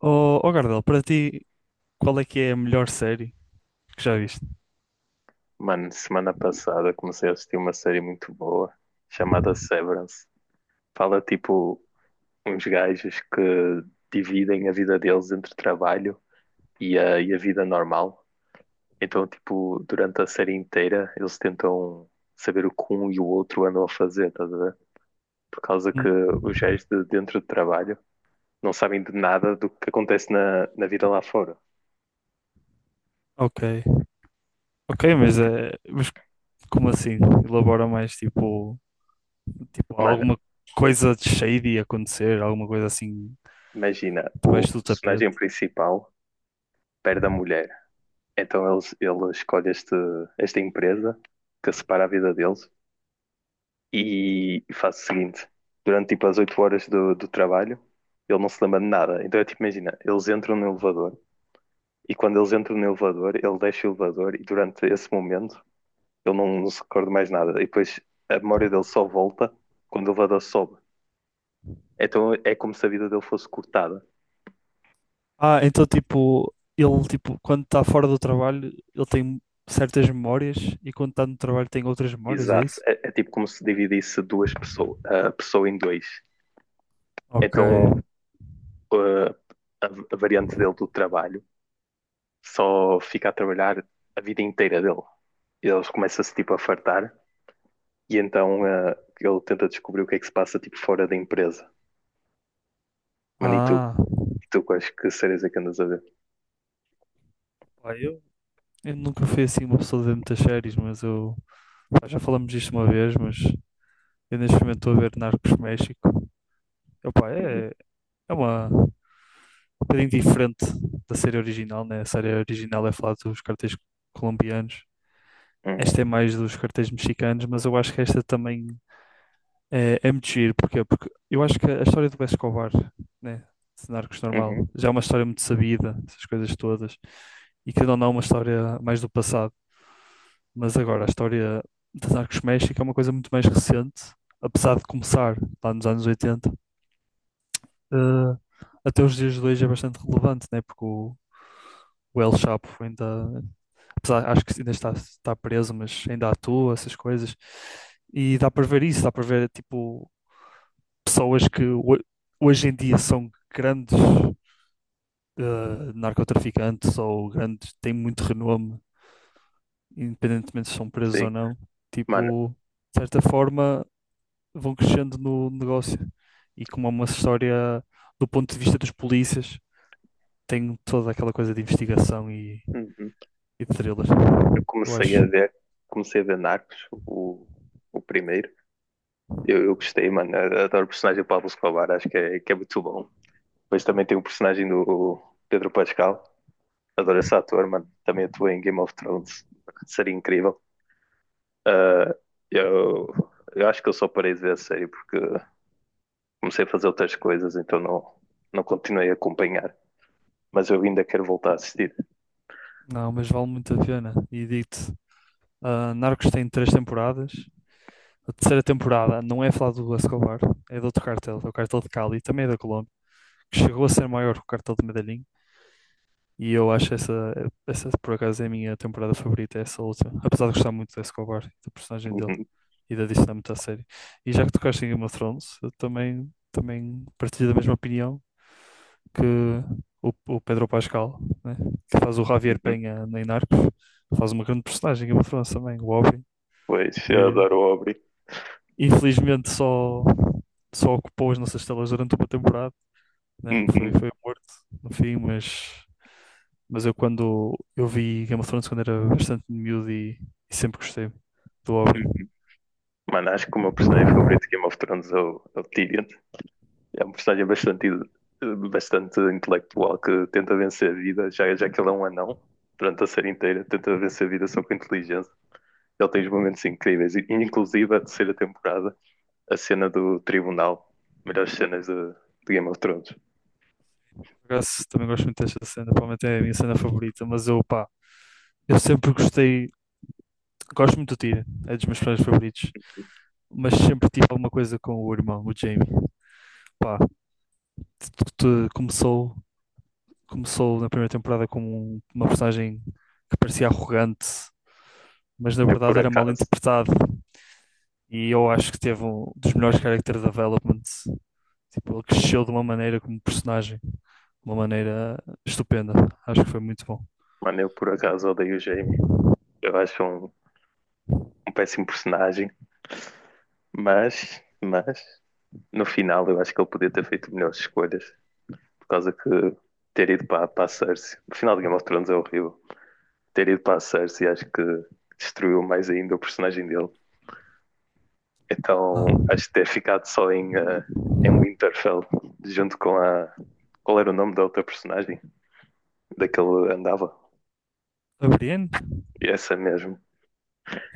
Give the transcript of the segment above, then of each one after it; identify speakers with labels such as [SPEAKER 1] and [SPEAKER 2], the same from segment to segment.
[SPEAKER 1] Oh Gardel, para ti, qual é que é a melhor série que já viste?
[SPEAKER 2] Mano, semana passada comecei a assistir uma série muito boa chamada Severance. Fala tipo uns gajos que dividem a vida deles entre trabalho e a vida normal. Então, tipo, durante a série inteira eles tentam saber o que um e o outro andam a fazer, estás a ver? Por causa que
[SPEAKER 1] Hum.
[SPEAKER 2] os gajos de dentro do trabalho não sabem de nada do que acontece na vida lá fora.
[SPEAKER 1] Ok, ok, mas como assim? Elabora mais tipo. Tipo,
[SPEAKER 2] Mano,
[SPEAKER 1] alguma coisa de shady acontecer, alguma coisa assim
[SPEAKER 2] imagina, o
[SPEAKER 1] debaixo do
[SPEAKER 2] personagem
[SPEAKER 1] tapete.
[SPEAKER 2] principal perde a mulher. Então ele escolhe esta empresa que separa a vida deles e faz o seguinte: durante tipo as 8 horas do trabalho, ele não se lembra de nada. Então é tipo, imagina, eles entram no elevador e quando eles entram no elevador, ele deixa o elevador e durante esse momento ele não se recorda mais nada. E depois a memória dele só volta quando o elevador sobe. Então é como se a vida dele fosse cortada.
[SPEAKER 1] Ah, então tipo, ele tipo, quando está fora do trabalho, ele tem certas memórias e quando está no trabalho tem outras memórias, é
[SPEAKER 2] Exato.
[SPEAKER 1] isso?
[SPEAKER 2] É tipo como se dividisse duas pessoas, a pessoa em dois.
[SPEAKER 1] Ok.
[SPEAKER 2] Então eh, a, a variante dele do trabalho só fica a trabalhar a vida inteira dele. E eles começam-se tipo a fartar e então ele tenta descobrir o que é que se passa tipo fora da empresa. Mano, e tu?
[SPEAKER 1] Ah,
[SPEAKER 2] E tu quais que séries é que andas a ver?
[SPEAKER 1] pá, eu nunca fui assim uma pessoa de ver muitas séries, mas eu pá, já falamos disto uma vez, mas eu neste momento estou a ver Narcos México. Epá,
[SPEAKER 2] Uhum,
[SPEAKER 1] é uma um bocadinho diferente da série original, né? A série original é falar dos cartéis colombianos. Esta
[SPEAKER 2] uhum,
[SPEAKER 1] é mais dos cartéis mexicanos, mas eu acho que esta também é muito giro. Porquê? Porque eu acho que a história do Pablo Escobar, né, de Narcos
[SPEAKER 2] uhum.
[SPEAKER 1] normal, já é uma história muito sabida, essas coisas todas, e que não é uma história mais do passado. Mas agora, a história de Narcos México é uma coisa muito mais recente, apesar de começar lá nos anos 80, eh, até os dias de hoje é bastante relevante, né? Porque o El Chapo ainda acho que ainda está preso, mas ainda atua, essas coisas. E dá para ver isso, dá para ver, tipo, pessoas que hoje em dia são grandes narcotraficantes ou grandes, têm muito renome, independentemente se são presos ou
[SPEAKER 2] Sim.
[SPEAKER 1] não.
[SPEAKER 2] Mano,
[SPEAKER 1] Tipo, de certa forma, vão crescendo no negócio. E como é uma história, do ponto de vista dos polícias, tem toda aquela coisa de investigação e,
[SPEAKER 2] uhum.
[SPEAKER 1] e de thriller.
[SPEAKER 2] Eu
[SPEAKER 1] Eu
[SPEAKER 2] comecei a
[SPEAKER 1] acho.
[SPEAKER 2] ver, comecei a ver Narcos, o primeiro. Eu gostei, mano. Eu adoro o personagem do Pablo Escobar, acho que é muito bom. Depois também tem o personagem do Pedro Pascal. Adoro esse ator, mano. Também atuou em Game of Thrones. Seria incrível. Ah, eu, eu acho que eu só parei de ver a série porque comecei a fazer outras coisas, então não continuei a acompanhar. Mas eu ainda quero voltar a assistir.
[SPEAKER 1] Não, mas vale muito a pena. E digo. Ah, Narcos tem três temporadas. A terceira temporada não é falada do Escobar, é de outro cartel, é o cartel de Cali, também é da Colômbia, que chegou a ser maior que o cartel de Medellín. E eu acho essa por acaso, é a minha temporada favorita, é essa última. Apesar de gostar muito do Escobar, da personagem dele
[SPEAKER 2] Uhum,
[SPEAKER 1] e da dinâmica da série. E já que tocaste em Game of Thrones, eu também partilho da mesma opinião que o Pedro Pascal, né, que faz o Javier
[SPEAKER 2] uhum.
[SPEAKER 1] Peña em Narcos, faz uma grande personagem em Game of Thrones também, o Oberyn,
[SPEAKER 2] Pois, eu
[SPEAKER 1] que
[SPEAKER 2] adoro o Aubrey.
[SPEAKER 1] infelizmente só ocupou as nossas telas durante uma temporada, né? Que foi,
[SPEAKER 2] Uhum.
[SPEAKER 1] foi um morto no fim, mas eu quando eu vi Game of Thrones quando era bastante miúdo e sempre gostei do Oberyn.
[SPEAKER 2] Mano, acho que o meu personagem favorito de Game of Thrones é o Tyrion. É um personagem bastante, bastante intelectual que tenta vencer a vida, já que ele é um anão durante a série inteira, tenta vencer a vida só com inteligência. Ele tem os momentos incríveis, inclusive a terceira temporada, a cena do tribunal, melhores cenas de Game of Thrones.
[SPEAKER 1] Por acaso, também gosto muito desta cena, provavelmente é a minha cena favorita, mas eu pá, eu sempre gostei, gosto muito do Tyrion, é dos meus personagens favoritos, mas sempre tive alguma coisa com o irmão, o Jaime. Pá, tudo começou na primeira temporada como uma personagem que parecia arrogante, mas na
[SPEAKER 2] Eu por
[SPEAKER 1] verdade era mal
[SPEAKER 2] acaso,
[SPEAKER 1] interpretado. E eu acho que teve um dos melhores character developments. Tipo, ele cresceu de uma maneira como personagem, de uma maneira estupenda. Acho que foi muito bom.
[SPEAKER 2] mano, eu por acaso odeio o Jaime. Eu acho um péssimo personagem, mas no final eu acho que ele podia ter feito melhores escolhas, por causa que ter ido para a Cersei, no final de Game of Thrones é horrível. Ter ido para a Cersei acho que destruiu mais ainda o personagem dele. Então,
[SPEAKER 1] Ah,
[SPEAKER 2] acho que ter ficado só em Winterfell, junto com a. Qual era o nome da outra personagem? Daquele andava?
[SPEAKER 1] a Brienne?
[SPEAKER 2] Essa mesmo.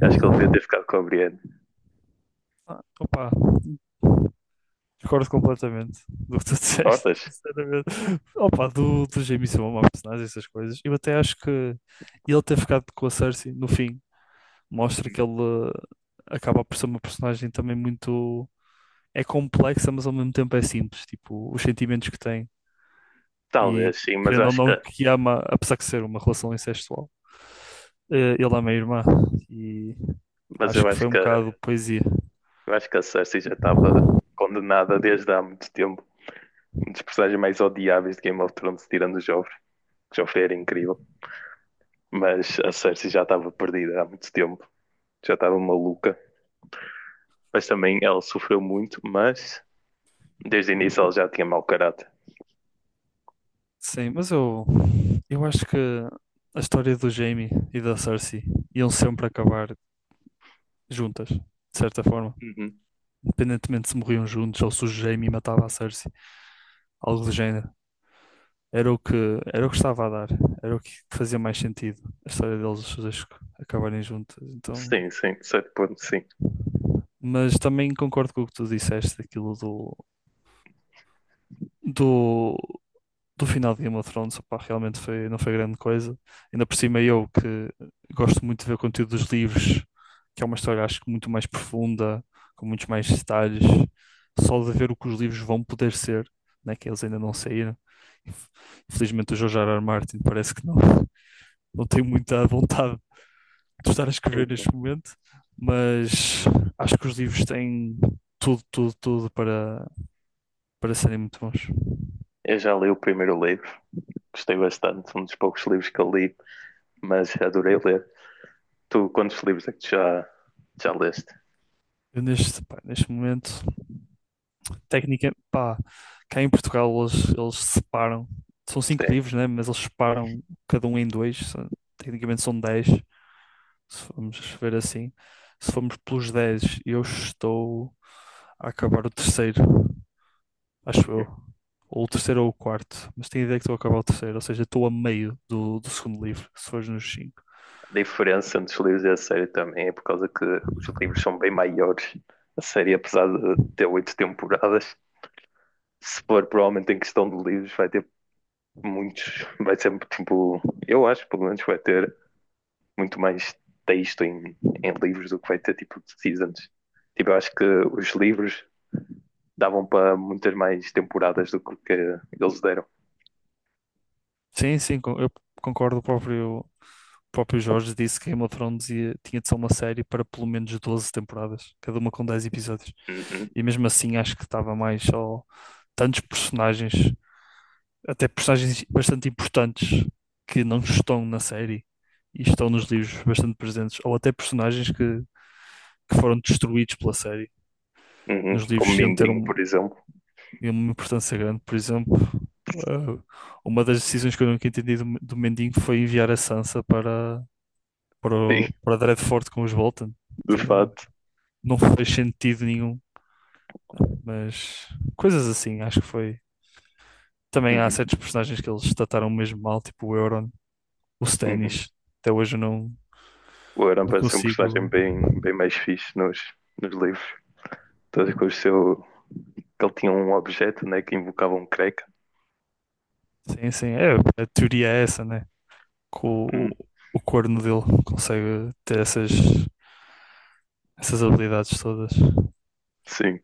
[SPEAKER 2] Acho que ele devia ter ficado com a Brienne.
[SPEAKER 1] Ah, opa, discordo completamente do que tu disseste,
[SPEAKER 2] Discordas?
[SPEAKER 1] sinceramente. Opa, do Jaime ser uma má personagem, essas coisas. Eu até acho que ele ter ficado com a Cersei no fim mostra que ele eh, acaba por ser uma personagem também muito. É complexa, mas ao mesmo tempo é simples. Tipo, os sentimentos que tem e
[SPEAKER 2] Talvez, sim, mas eu
[SPEAKER 1] querendo ou
[SPEAKER 2] acho
[SPEAKER 1] não
[SPEAKER 2] que.
[SPEAKER 1] que ama, apesar de ser uma relação incestual. Ele ama a irmã e
[SPEAKER 2] Mas
[SPEAKER 1] acho
[SPEAKER 2] eu
[SPEAKER 1] que
[SPEAKER 2] acho
[SPEAKER 1] foi um
[SPEAKER 2] que, eu
[SPEAKER 1] bocado poesia.
[SPEAKER 2] acho que a Cersei já estava condenada desde há muito tempo. Um dos personagens mais odiáveis de Game of Thrones, tirando o Joffrey, que o Joffrey era incrível. Mas a Cersei já estava perdida há muito tempo. Já estava maluca. Mas também ela sofreu muito, Desde o início ele já tinha mau caráter.
[SPEAKER 1] Sim, mas eu acho que a história do Jamie e da Cersei iam sempre acabar juntas, de certa forma.
[SPEAKER 2] Uhum.
[SPEAKER 1] Independentemente se morriam juntos ou se o Jamie matava a Cersei, algo do género. Era o que, era o que estava a dar, era o que fazia mais sentido, a história deles os dois acabarem juntos, então,
[SPEAKER 2] Sim, sim, de certo ponto, sim.
[SPEAKER 1] mas também concordo com o que tu disseste, aquilo do, do final de Game of Thrones, opá, realmente foi, não foi grande coisa, ainda por cima eu que gosto muito de ver o conteúdo dos livros, que é uma história acho que muito mais profunda, com muitos mais detalhes, só de ver o que os livros vão poder ser, né, que eles ainda não saíram, infelizmente o George R. R. Martin parece que não tenho muita vontade de estar a escrever
[SPEAKER 2] Uhum.
[SPEAKER 1] neste momento, mas acho que os livros têm tudo, tudo, tudo para serem muito bons.
[SPEAKER 2] Eu já li o primeiro livro, gostei bastante, um dos poucos livros que eu li, mas adorei ler. Tu, quantos livros é que tu já leste?
[SPEAKER 1] Eu pá, neste momento, pá, cá em Portugal eles separam, são cinco
[SPEAKER 2] Sim.
[SPEAKER 1] livros, né? Mas eles separam cada um em dois, tecnicamente são dez, se formos ver assim. Se formos pelos dez, eu estou a acabar o terceiro, acho eu.
[SPEAKER 2] Uhum.
[SPEAKER 1] Ou o terceiro ou o quarto, mas tenho a ideia que estou a acabar o terceiro, ou seja, estou a meio do segundo livro, se fores nos cinco.
[SPEAKER 2] A diferença entre os livros e a série também é por causa que os livros são bem maiores. A série, apesar de ter oito temporadas, se for provavelmente em questão de livros, vai ter muitos, vai ser tipo, eu acho pelo menos vai ter muito mais texto em livros do que vai ter tipo de seasons. Tipo, eu acho que os livros davam para muitas mais temporadas do que, o que eles deram.
[SPEAKER 1] Sim, sim, eu concordo. O próprio Jorge disse que Game of Thrones tinha de ser uma série para pelo menos 12 temporadas, cada uma com 10 episódios.
[SPEAKER 2] Uhum,
[SPEAKER 1] E mesmo assim acho que estava mais só tantos personagens, até personagens bastante importantes que não estão na série e estão nos livros bastante presentes, ou até personagens que foram destruídos pela série.
[SPEAKER 2] uhum.
[SPEAKER 1] Nos
[SPEAKER 2] Como
[SPEAKER 1] livros iam ter
[SPEAKER 2] Mindinho, por exemplo.
[SPEAKER 1] e uma importância grande. Por exemplo, eh, uma das decisões que eu nunca entendi do Mendinho foi enviar a Sansa para, para,
[SPEAKER 2] Sim,
[SPEAKER 1] o- para Dreadfort com os Bolton.
[SPEAKER 2] de
[SPEAKER 1] Te-
[SPEAKER 2] fato.
[SPEAKER 1] Não fez sentido nenhum, mas coisas assim, acho que foi. Também há
[SPEAKER 2] Uhum,
[SPEAKER 1] certos personagens que eles trataram mesmo mal, tipo o Euron, o
[SPEAKER 2] uhum.
[SPEAKER 1] Stannis. Até hoje eu não,
[SPEAKER 2] O Aran
[SPEAKER 1] não
[SPEAKER 2] parece ser um personagem
[SPEAKER 1] consigo.
[SPEAKER 2] bem, bem mais fixe nos livros. Todas com o seu, que ele tinha um objeto né, que invocava um creca.
[SPEAKER 1] Sim, sim, é, a teoria é essa, né? Que o,
[SPEAKER 2] Uhum.
[SPEAKER 1] o corno dele consegue ter essas habilidades todas.
[SPEAKER 2] Sim.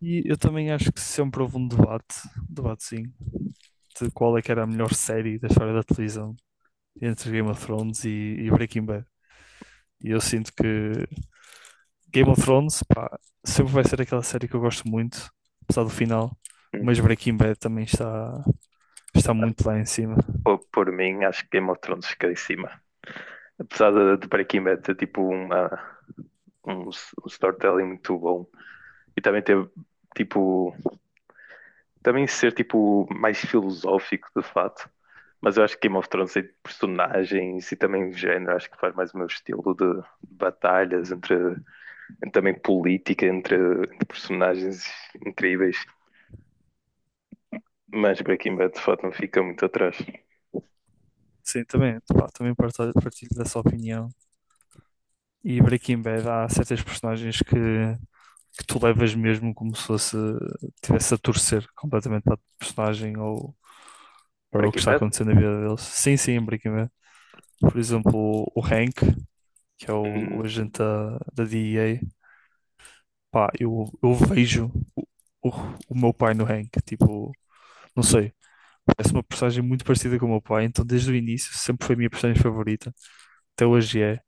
[SPEAKER 1] E eu também acho que sempre houve um debate sim, de qual é que era a melhor série da história da televisão entre Game of Thrones e Breaking Bad. E eu sinto que Game of Thrones, pá, sempre vai ser aquela série que eu gosto muito, apesar do final,
[SPEAKER 2] Uhum.
[SPEAKER 1] mas Breaking Bad também está muito lá em cima.
[SPEAKER 2] Por mim, acho que Game of Thrones fica em cima. Apesar de Breaking Bad ter tipo um storytelling muito bom e também ter tipo também ser tipo mais filosófico de fato. Mas eu acho que Game of Thrones tem personagens e também género, acho que faz mais o meu estilo de batalhas entre também política entre personagens incríveis. Mas Breaking Bad de fato não fica muito atrás.
[SPEAKER 1] Sim, pá, também partilho dessa opinião. E Breaking Bad há certas personagens que tu levas mesmo como se fosse tivesse a torcer completamente para o personagem ou para o que
[SPEAKER 2] Breaking
[SPEAKER 1] está
[SPEAKER 2] Bad?
[SPEAKER 1] acontecendo na vida deles. Sim, sim, em Breaking Bad. Por exemplo, o Hank, que é o
[SPEAKER 2] Uhum.
[SPEAKER 1] agente da DEA, pá, eu vejo o, o, o meu pai no Hank, tipo, não sei. Parece uma personagem muito parecida com o meu pai, então desde o início sempre foi a minha personagem favorita, até hoje é.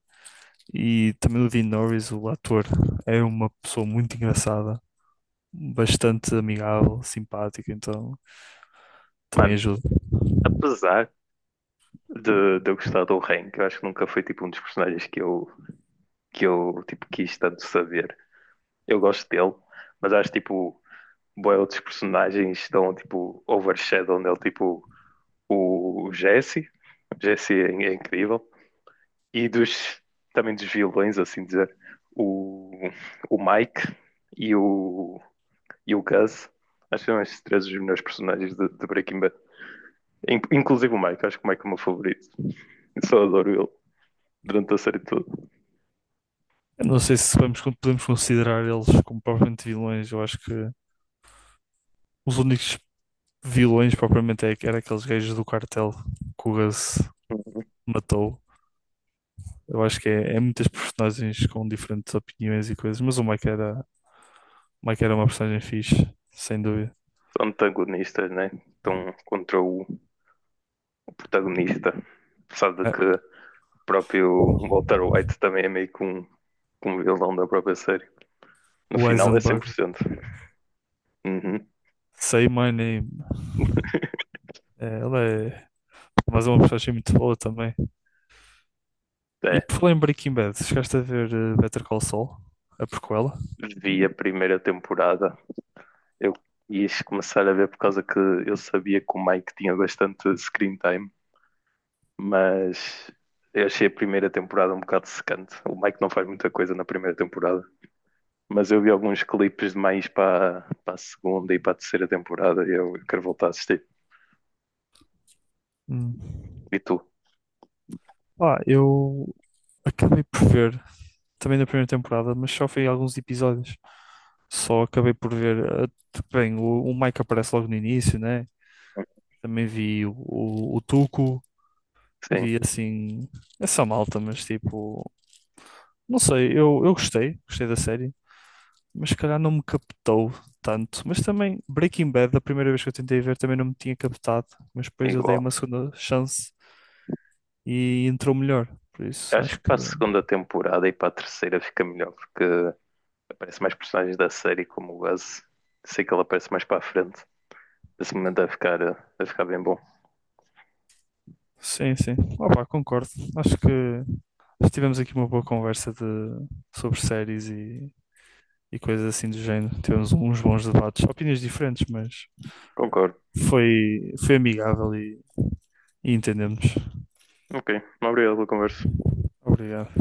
[SPEAKER 1] E também o Dean Norris, o ator, é uma pessoa muito engraçada, bastante amigável, simpática, então também
[SPEAKER 2] Mano,
[SPEAKER 1] ajuda.
[SPEAKER 2] apesar de eu gostar do Hank, eu acho que nunca foi tipo um dos personagens que eu tipo, quis tanto saber. Eu gosto dele, mas acho tipo, bué outros personagens estão tipo overshadow nele, tipo o Jesse. O Jesse é incrível. E também dos vilões, assim dizer, o, o Mike e o, e o Gus. Acho que são esses três os melhores personagens de Breaking Bad. Inclusive o Mike, acho que o Mike é o meu favorito. Eu só adoro ele durante a série toda.
[SPEAKER 1] Eu não sei se podemos considerar eles como propriamente vilões, eu acho que os únicos vilões propriamente era aqueles gajos do cartel que o Gus
[SPEAKER 2] Uhum.
[SPEAKER 1] matou. Eu acho que é muitas personagens com diferentes opiniões e coisas, mas o Mike era uma personagem fixe, sem dúvida.
[SPEAKER 2] São antagonistas, né? Estão contra o protagonista. Apesar de
[SPEAKER 1] É,
[SPEAKER 2] que próprio Walter White também é meio que um vilão da própria série. No
[SPEAKER 1] o
[SPEAKER 2] final é
[SPEAKER 1] Eisenberg,
[SPEAKER 2] 100%. Uhum.
[SPEAKER 1] Say My Name, é, ela é, mas é uma personagem muito boa também. E
[SPEAKER 2] É.
[SPEAKER 1] por falar em Breaking Bad, chegaste a ver Better Call Saul, a prequela?
[SPEAKER 2] Vi a primeira temporada. Eu quis começar a ver por causa que eu sabia que o Mike tinha bastante screen time, mas eu achei a primeira temporada um bocado secante. O Mike não faz muita coisa na primeira temporada, mas eu vi alguns clipes de mais para a segunda e para a terceira temporada e eu quero voltar a assistir.
[SPEAKER 1] Hum.
[SPEAKER 2] E tu?
[SPEAKER 1] Ah, eu acabei por ver também da primeira temporada, mas só vi alguns episódios. Só acabei por ver. eh, Bem, o Mike aparece logo no início, né? Também vi o Tuco,
[SPEAKER 2] Sim,
[SPEAKER 1] vi assim, essa malta, mas tipo, não sei, eu gostei da série, mas se calhar não me captou tanto. Mas também Breaking Bad, da primeira vez que eu tentei ver, também não me tinha captado, mas depois eu dei
[SPEAKER 2] igual.
[SPEAKER 1] uma segunda chance e entrou melhor. Por
[SPEAKER 2] Eu
[SPEAKER 1] isso,
[SPEAKER 2] acho
[SPEAKER 1] acho
[SPEAKER 2] que
[SPEAKER 1] que
[SPEAKER 2] para a segunda temporada e para a terceira fica melhor, porque aparece mais personagens da série, como o Buzz. Sei que ele aparece mais para a frente. Esse momento vai ficar bem bom.
[SPEAKER 1] sim, sim. Opa, concordo. Acho que Mas tivemos aqui uma boa conversa sobre séries e coisas assim do género. Tivemos uns bons debates, opiniões diferentes, mas
[SPEAKER 2] Concordo.
[SPEAKER 1] foi amigável e entendemos.
[SPEAKER 2] Ok, obrigado pela conversa.
[SPEAKER 1] Obrigado.